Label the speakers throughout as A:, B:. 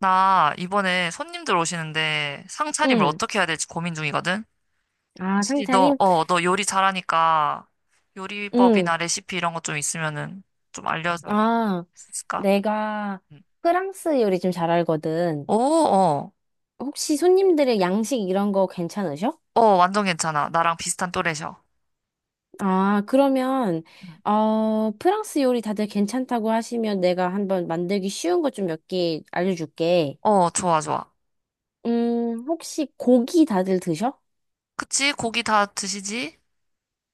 A: 나 이번에 손님들 오시는데 상차림을
B: 응.
A: 어떻게 해야 될지 고민 중이거든?
B: 아,
A: 혹시 너,
B: 상차림?
A: 어, 너 요리 잘하니까
B: 응.
A: 요리법이나 레시피 이런 것 좀 있으면은 좀 알려줄
B: 아,
A: 수 있을까?
B: 내가
A: 응.
B: 프랑스 요리 좀 잘 알거든.
A: 오, 어,
B: 혹시 손님들의 양식 이런 거 괜찮으셔?
A: 어, 완전 괜찮아. 나랑 비슷한 또래셔.
B: 아, 그러면,
A: 응.
B: 프랑스 요리 다들 괜찮다고 하시면 내가 한번 만들기 쉬운 것 좀 몇 개 알려줄게.
A: 어, 좋아, 좋아.
B: 혹시 고기 다들 드셔?
A: 그치? 고기 다 드시지?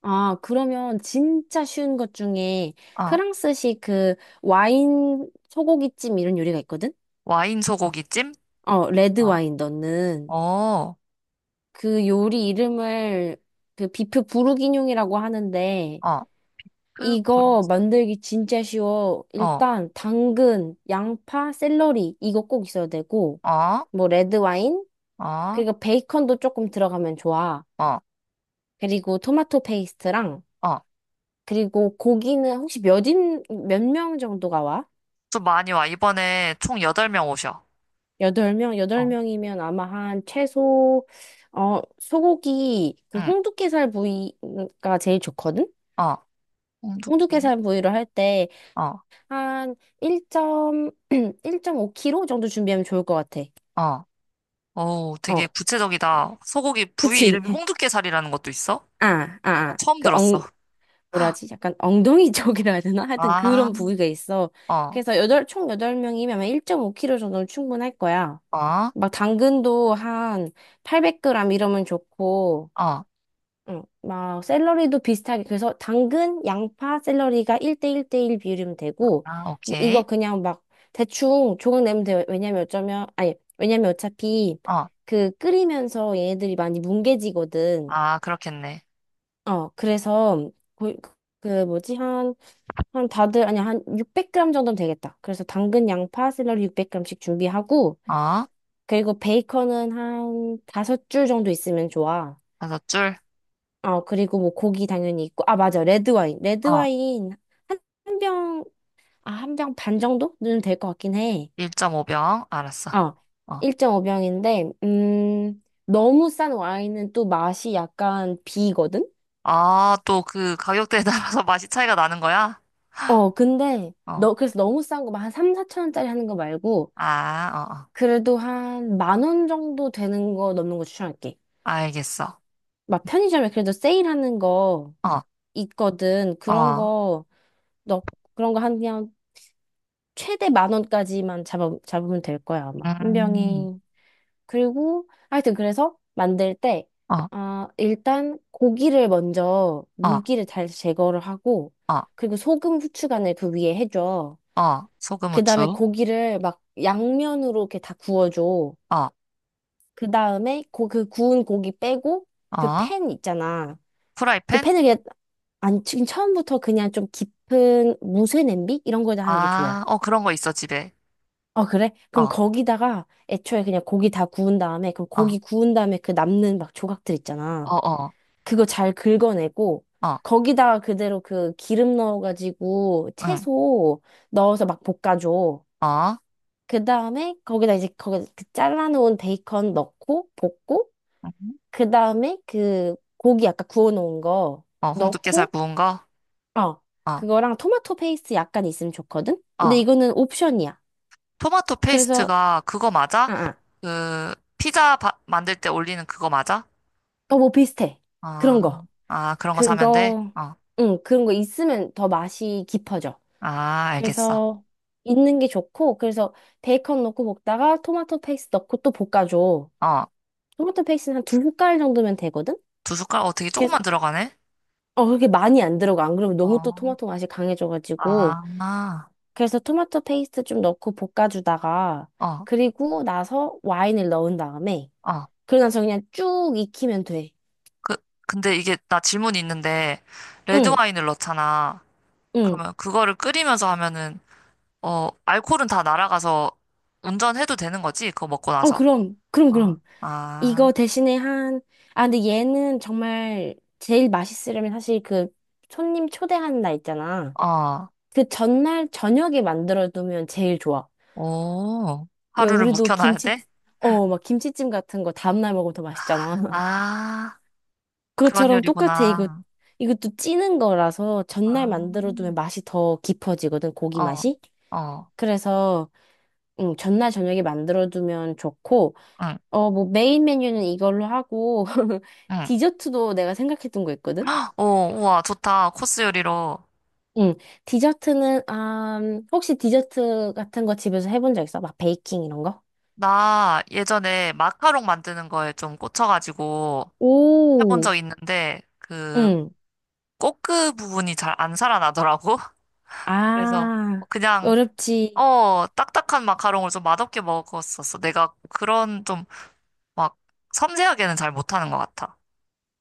B: 아, 그러면 진짜 쉬운 것 중에
A: 아,
B: 프랑스식 그 와인 소고기찜 이런 요리가 있거든?
A: 와인 소고기찜?
B: 어, 레드
A: 어,
B: 와인 넣는.
A: 어,
B: 그 요리 이름을 그 비프 부르기뇽이라고 하는데
A: 어, 그,
B: 이거
A: 브런치.
B: 만들기 진짜 쉬워.
A: 어,
B: 일단 당근, 양파, 샐러리 이거 꼭 있어야 되고
A: 어,
B: 뭐 레드 와인
A: 어,
B: 그리고 베이컨도 조금 들어가면 좋아.
A: 어,
B: 그리고 토마토 페이스트랑
A: 어.
B: 그리고 고기는 혹시 몇인 몇 명 정도가 와?
A: 좀 많이 와. 이번에 총 8명 오셔.
B: 여덟 명, 여덟
A: 어.
B: 명이면 아마 한 최소 소고기 그
A: 응,
B: 홍두깨살 부위가 제일 좋거든.
A: 어, 홍두깨.
B: 홍두깨살 부위로 할때
A: 어,
B: 한 1점, 1.5kg 정도 준비하면 좋을 것 같아.
A: 어. 오, 되게
B: 어,
A: 구체적이다. 소고기 부위
B: 그치?
A: 이름이 홍두깨살이라는 것도 있어?
B: 아, 아,
A: 나
B: 아.
A: 처음 들었어.
B: 뭐라지? 약간 엉덩이 쪽이라 해야 되나? 하여튼
A: 아,
B: 그런 부위가 있어.
A: 어,
B: 그래서 총 8명이면 1.5kg 정도는 충분할 거야.
A: 어, 어,
B: 막 당근도 한 800g 이러면 좋고,
A: 아,
B: 막 샐러리도 비슷하게 그래서 당근, 양파, 샐러리가 1대 1대 1 비율이면 되고 뭐 이거
A: 오케이.
B: 그냥 막 대충 조각 내면 돼요. 왜냐면 어쩌면 아니 왜냐면 어차피
A: 어,
B: 그 끓이면서 얘네들이 많이 뭉개지거든.
A: 아, 그렇겠네.
B: 어, 그래서 그, 그 뭐지 한 다들 아니 한 600g 정도면 되겠다. 그래서 당근, 양파, 샐러리 600g씩 준비하고
A: 어,
B: 그리고 베이컨은 한 다섯 줄 정도 있으면 좋아.
A: 다섯 줄.
B: 어, 그리고 뭐 고기 당연히 있고. 아, 맞아. 레드와인.
A: 어,
B: 레드와인 한, 한 병, 한 병 반 정도는 될 것 같긴 해.
A: 1.5병. 알았어.
B: 어,
A: 어,
B: 1.5병인데, 너무 싼 와인은 또 맛이 약간 비거든?
A: 아, 또 그 가격대에 따라서 맛이 차이가 나는 거야?
B: 어, 근데,
A: 어,
B: 그래서 너무 싼 거, 막한 3, 4천 원짜리 하는 거 말고,
A: 아, 어, 어.
B: 그래도 한 10,000원 정도 되는 거 넘는 거 추천할게.
A: 알겠어.
B: 막 편의점에 그래도 세일하는 거
A: 어,
B: 있거든. 그런
A: 어,
B: 거, 너, 그런 거 한 그냥 최대 10,000원까지만 잡으면 될 거야, 아마. 한
A: 음,
B: 병이. 그리고, 하여튼, 그래서 만들 때,
A: 어,
B: 아, 일단 고기를 먼저
A: 어,
B: 물기를 잘 제거를 하고,
A: 어,
B: 그리고 소금, 후추 간을 그 위에 해줘.
A: 어. 소금,
B: 그 다음에
A: 후추.
B: 고기를 막 양면으로 이렇게 다 구워줘.
A: 어
B: 그 다음에 그 구운 고기 빼고, 그
A: 어,
B: 팬 있잖아. 그
A: 프라이팬?
B: 팬을 그냥, 아니, 지금 처음부터 그냥 좀 깊은 무쇠 냄비? 이런 거에다 하는 게 좋아.
A: 아, 어, 그런 거 있어, 집에.
B: 어, 그래? 그럼
A: 어,
B: 거기다가 애초에 그냥 고기 다 구운 다음에, 그럼
A: 어,
B: 고기 구운 다음에 그 남는 막 조각들 있잖아.
A: 어, 어,
B: 그거 잘 긁어내고,
A: 어,
B: 거기다가 그대로 그 기름 넣어가지고
A: 응,
B: 채소 넣어서 막 볶아줘.
A: 어,
B: 그 다음에 거기다 이제 거기 그 잘라놓은 베이컨 넣고 볶고,
A: 응.
B: 그 다음에 그 고기 아까 구워놓은 거
A: 어, 홍두깨살
B: 넣고,
A: 구운 거?
B: 어,
A: 어,
B: 그거랑 토마토 페이스 약간 있으면 좋거든? 근데
A: 어.
B: 이거는 옵션이야.
A: 토마토
B: 그래서,
A: 페이스트가 그거 맞아?
B: 아, 아,
A: 그, 피자 만들 때 올리는 그거 맞아?
B: 뭐 비슷해.
A: 아,
B: 그런 거.
A: 아, 그런 거 사면 돼?
B: 그거,
A: 어,
B: 응, 그런 거 있으면 더 맛이 깊어져.
A: 아, 알겠어.
B: 그래서 있는 게 좋고, 그래서 베이컨 넣고 볶다가 토마토 페이스 넣고 또 볶아줘.
A: 어,
B: 토마토 페이스는 한 두 숟갈 정도면 되거든?
A: 두 숟갈? 어, 되게
B: 그래서,
A: 조금만 들어가네?
B: 어, 그렇게 많이 안 들어가. 안 그러면 너무 또
A: 어,
B: 토마토 맛이 강해져가지고.
A: 아, 아,
B: 그래서 토마토 페이스트 좀 넣고 볶아주다가,
A: 어,
B: 그리고 나서 와인을 넣은 다음에,
A: 어.
B: 그러고 나서 그냥 쭉 익히면 돼.
A: 그, 근데 이게, 나 질문이 있는데,
B: 응,
A: 레드와인을 넣잖아.
B: 응.
A: 그러면 그거를 끓이면서 하면은 어 알코올은 다 날아가서 운전해도 되는 거지? 그거 먹고
B: 어,
A: 나서.
B: 그럼, 그럼,
A: 아,
B: 그럼.
A: 아,
B: 이거 대신에 한, 아, 근데 얘는 정말 제일 맛있으려면 사실 그 손님 초대하는 날 있잖아.
A: 어,
B: 그 전날 저녁에 만들어두면 제일 좋아.
A: 오,
B: 왜
A: 하루를
B: 우리도
A: 묵혀놔야
B: 김치,
A: 돼?
B: 막 김치찜 같은 거 다음날 먹으면 더 맛있잖아.
A: 아, 그런
B: 그것처럼 똑같아. 이거,
A: 요리구나.
B: 이것도 찌는 거라서
A: 아,
B: 전날 만들어두면 맛이 더 깊어지거든, 고기
A: 어,
B: 맛이.
A: 어,
B: 그래서, 전날 저녁에 만들어두면 좋고,
A: 응,
B: 어, 뭐 메인 메뉴는 이걸로 하고,
A: 응.
B: 디저트도 내가 생각했던 거 있거든?
A: 오, 우와, 좋다. 코스 요리로.
B: 응. 디저트는, 아, 혹시 디저트 같은 거 집에서 해본 적 있어? 막 베이킹 이런 거?
A: 나 예전에 마카롱 만드는 거에 좀 꽂혀가지고 해본
B: 오,
A: 적 있는데 그
B: 응.
A: 꼬끄 부분이 잘 안 살아나더라고. 그래서
B: 아,
A: 그냥
B: 어렵지.
A: 어, 딱딱한 마카롱을 좀 맛없게 먹었었어. 내가 그런 좀 막 섬세하게는 잘 못하는 것 같아.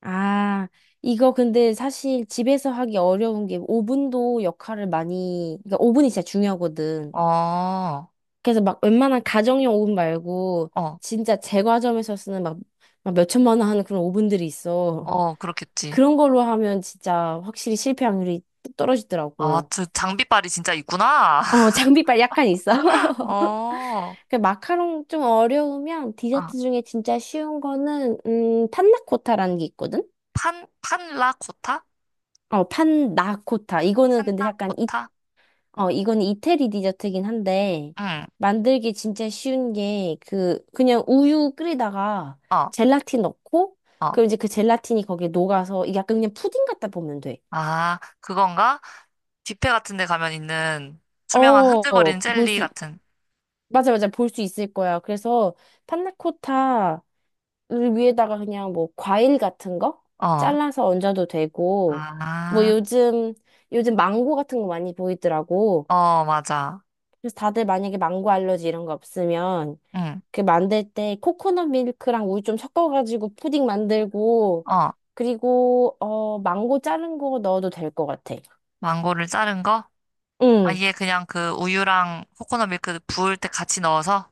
B: 아, 이거 근데 사실 집에서 하기 어려운 게 오븐도 역할을 많이, 그러니까 오븐이 진짜 중요하거든.
A: 어,
B: 그래서 막 웬만한 가정용 오븐 말고
A: 어,
B: 진짜 제과점에서 쓰는 막, 막 몇천만 원 하는 그런 오븐들이 있어.
A: 어, 그렇겠지.
B: 그런 걸로 하면 진짜 확실히 실패 확률이 뚝
A: 아,
B: 떨어지더라고.
A: 그 장비빨이 진짜 있구나.
B: 어, 장비빨 약간 있어.
A: 어,
B: 그 마카롱 좀 어려우면
A: 아,
B: 디저트 중에 진짜 쉬운 거는, 판나코타라는 게 있거든?
A: 판, 판라코타?
B: 어, 판나코타. 이거는 근데 약간, 이,
A: 판라코타?
B: 어, 이거는 이태리 디저트긴 한데,
A: 응,
B: 만들기 진짜 쉬운 게, 그, 그냥 우유 끓이다가
A: 어,
B: 젤라틴 넣고,
A: 어.
B: 그럼 이제 그 젤라틴이 거기에 녹아서, 이게 약간 그냥 푸딩 같다 보면 돼.
A: 아, 그건가? 뷔페 같은 데 가면 있는 투명한
B: 어,
A: 흔들거리는
B: 볼
A: 젤리
B: 수,
A: 같은,
B: 맞아, 맞아, 볼 수 있을 거야. 그래서, 판나코타, 위에다가 그냥 뭐 과일 같은 거
A: 어,
B: 잘라서 얹어도 되고 뭐
A: 아,
B: 요즘 망고 같은 거 많이 보이더라고.
A: 어, 맞아.
B: 그래서 다들 만약에 망고 알러지 이런 거 없으면
A: 응,
B: 그 만들 때 코코넛 밀크랑 우유 좀 섞어가지고 푸딩 만들고
A: 어,
B: 그리고 어 망고 자른 거 넣어도 될 것 같아.
A: 망고를 자른 거?
B: 응.
A: 아예 그냥 그 우유랑 코코넛 밀크 부을 때 같이 넣어서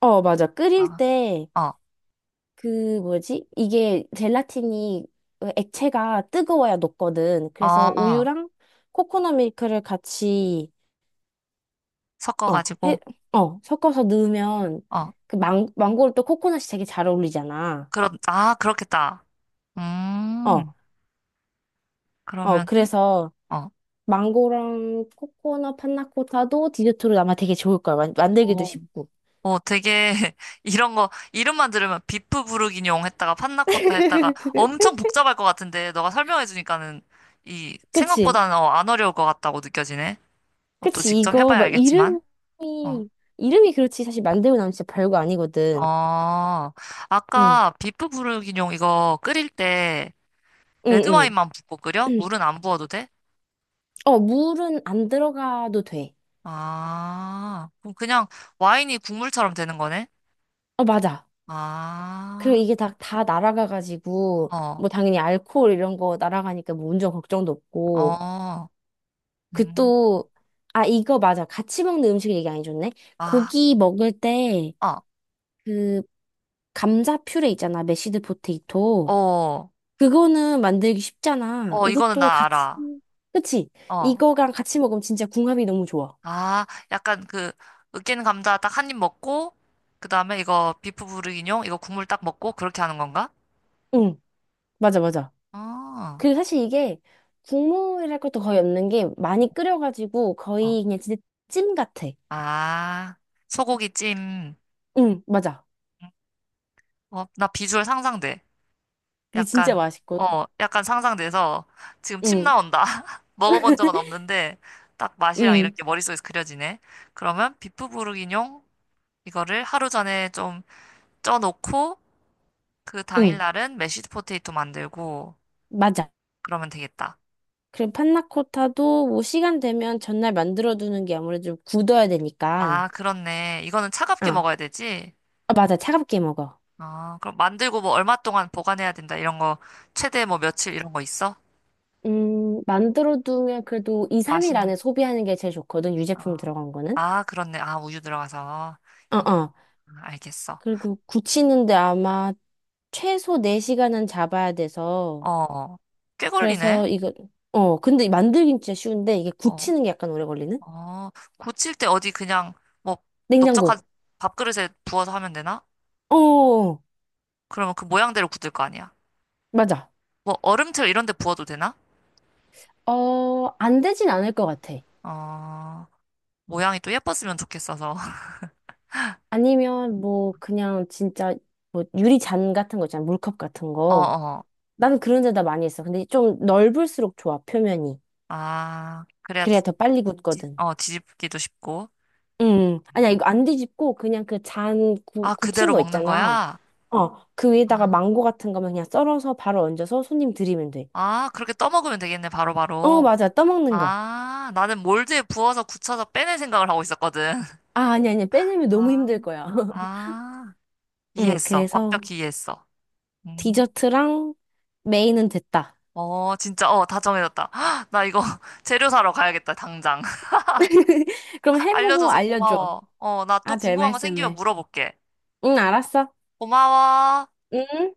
B: 어 맞아. 끓일
A: 어,
B: 때 그 뭐지? 이게 젤라틴이 액체가 뜨거워야 녹거든.
A: 어,
B: 그래서
A: 어,
B: 우유랑 코코넛 밀크를 같이 어, 해,
A: 섞어가지고
B: 섞어서 넣으면
A: 어,
B: 그 망고를 또 코코넛이 되게 잘 어울리잖아.
A: 그런 아 그렇겠다.
B: 어,
A: 음
B: 어,
A: 그러면은
B: 그래서
A: 어,
B: 망고랑 코코넛 판나코타도 디저트로 아마 되게 좋을 거야. 만들기도
A: 오,
B: 쉽고.
A: 오 되게 이런 거 이름만 들으면 비프 부르기뇽 했다가 판나코타 했다가 엄청 복잡할 것 같은데 너가 설명해주니까는 이
B: 그치?
A: 생각보다는 어, 안 어려울 것 같다고 느껴지네. 어, 또
B: 그치?
A: 직접
B: 이거
A: 해봐야
B: 막
A: 알겠지만
B: 이름이
A: 어,
B: 이름이 그렇지 사실 만들고 나면 진짜 별거 아니거든.
A: 어
B: 응,
A: 아까 비프 부르기뇽 이거 끓일 때
B: 응,
A: 레드와인만 붓고 끓여?
B: 응.
A: 물은 안 부어도 돼?
B: 어, 물은 안 들어가도 돼.
A: 아, 그럼 그냥 와인이 국물처럼 되는 거네?
B: 어, 맞아. 그리고
A: 아,
B: 이게 다 날아가가지고,
A: 어,
B: 뭐 당연히 알코올 이런 거 날아가니까 뭐 운전 걱정도 없고.
A: 어,
B: 그
A: 음,
B: 또, 아, 이거 맞아. 같이 먹는 음식 얘기 안 해줬네.
A: 아,
B: 고기 먹을 때,
A: 어,
B: 그, 감자 퓨레 있잖아. 메시드 포테이토.
A: 어,
B: 그거는 만들기 쉽잖아.
A: 어, 이거는
B: 이것도
A: 나
B: 같이,
A: 알아.
B: 그치?
A: 어,
B: 이거랑 같이 먹으면 진짜 궁합이 너무 좋아.
A: 아, 약간 그, 으깬 감자 딱 한 입 먹고, 그 다음에 이거 비프 부르기뇽, 이거 국물 딱 먹고, 그렇게 하는 건가?
B: 응, 맞아, 맞아.
A: 어, 어,
B: 그 사실 이게 국물이랄 것도 거의 없는 게 많이 끓여가지고
A: 어.
B: 거의 그냥 진짜 찜 같아.
A: 아, 소고기 찜.
B: 응, 맞아.
A: 어, 나 비주얼 상상돼.
B: 그게 진짜
A: 약간,
B: 맛있고.
A: 어, 약간 상상돼서 지금 침
B: 응,
A: 나온다. 먹어본 적은 없는데 딱 맛이랑 이런
B: 응,
A: 게 머릿속에서 그려지네. 그러면 비프 부르기뇽 이거를 하루 전에 좀 쪄놓고 그
B: 응,
A: 당일날은 메쉬드 포테이토 만들고
B: 맞아.
A: 그러면 되겠다.
B: 그리고 판나코타도 뭐 시간 되면 전날 만들어두는 게 아무래도 좀 굳어야 되니까.
A: 아, 그렇네. 이거는 차갑게
B: 아,
A: 먹어야 되지?
B: 아, 맞아. 차갑게 먹어.
A: 아, 그럼 만들고 뭐 얼마 동안 보관해야 된다. 이런 거 최대 뭐 며칠 이런 거 있어?
B: 만들어두면 그래도 2, 3일
A: 맛있는.
B: 안에 소비하는 게 제일 좋거든. 유제품
A: 아,
B: 들어간 거는.
A: 아, 그렇네. 아, 우유 들어가서.
B: 어,
A: 이-
B: 어.
A: 아, 알겠어.
B: 그리고 굳히는데 아마 최소 4시간은 잡아야 돼서.
A: 어, 꽤 걸리네.
B: 그래서 이거, 어, 근데 만들긴 진짜 쉬운데 이게
A: 어,
B: 굳히는 게 약간 오래 걸리는?
A: 어, 고칠 때 어디 그냥 뭐 넓적한
B: 냉장고.
A: 밥그릇에 부어서 하면 되나?
B: 어,
A: 그러면 그 모양대로 굳을 거 아니야.
B: 맞아.
A: 뭐 얼음틀 이런 데 부어도 되나?
B: 어, 안 되진 않을 것 같아.
A: 어, 모양이 또 예뻤으면 좋겠어서.
B: 아니면 뭐 그냥 진짜 뭐 유리잔 같은 거 있잖아. 물컵 같은
A: 어,
B: 거.
A: 어.
B: 나는 그런 데다 많이 했어. 근데 좀 넓을수록 좋아, 표면이.
A: 아, 그래야
B: 그래야 더 빨리 굳거든.
A: 뒤집기도 쉽고.
B: 아니야, 이거 안 뒤집고 그냥 그 잔
A: 아,
B: 굳힌
A: 그대로
B: 거
A: 먹는
B: 있잖아.
A: 거야?
B: 어, 그 위에다가
A: 아,
B: 망고 같은 거면 그냥 썰어서 바로 얹어서 손님 드리면 돼.
A: 아, 그렇게 떠먹으면 되겠네,
B: 어,
A: 바로바로.
B: 맞아. 떠먹는 거.
A: 아, 나는 몰드에 부어서 굳혀서 빼낼 생각을 하고 있었거든.
B: 아, 아니, 아니, 빼내면 너무
A: 아,
B: 힘들 거야.
A: 아,
B: 응,
A: 이해했어.
B: 그래서
A: 완벽히 이해했어. 음.
B: 디저트랑 메인은 됐다.
A: 어, 진짜, 어, 다 정해졌다. 나 이거 재료 사러 가야겠다, 당장.
B: 그럼 해보고
A: 알려줘서
B: 알려줘.
A: 고마워. 어, 나 또
B: 아, 별
A: 궁금한 거 생기면
B: 말씀을.
A: 물어볼게.
B: 응, 알았어.
A: 고마워.
B: 응.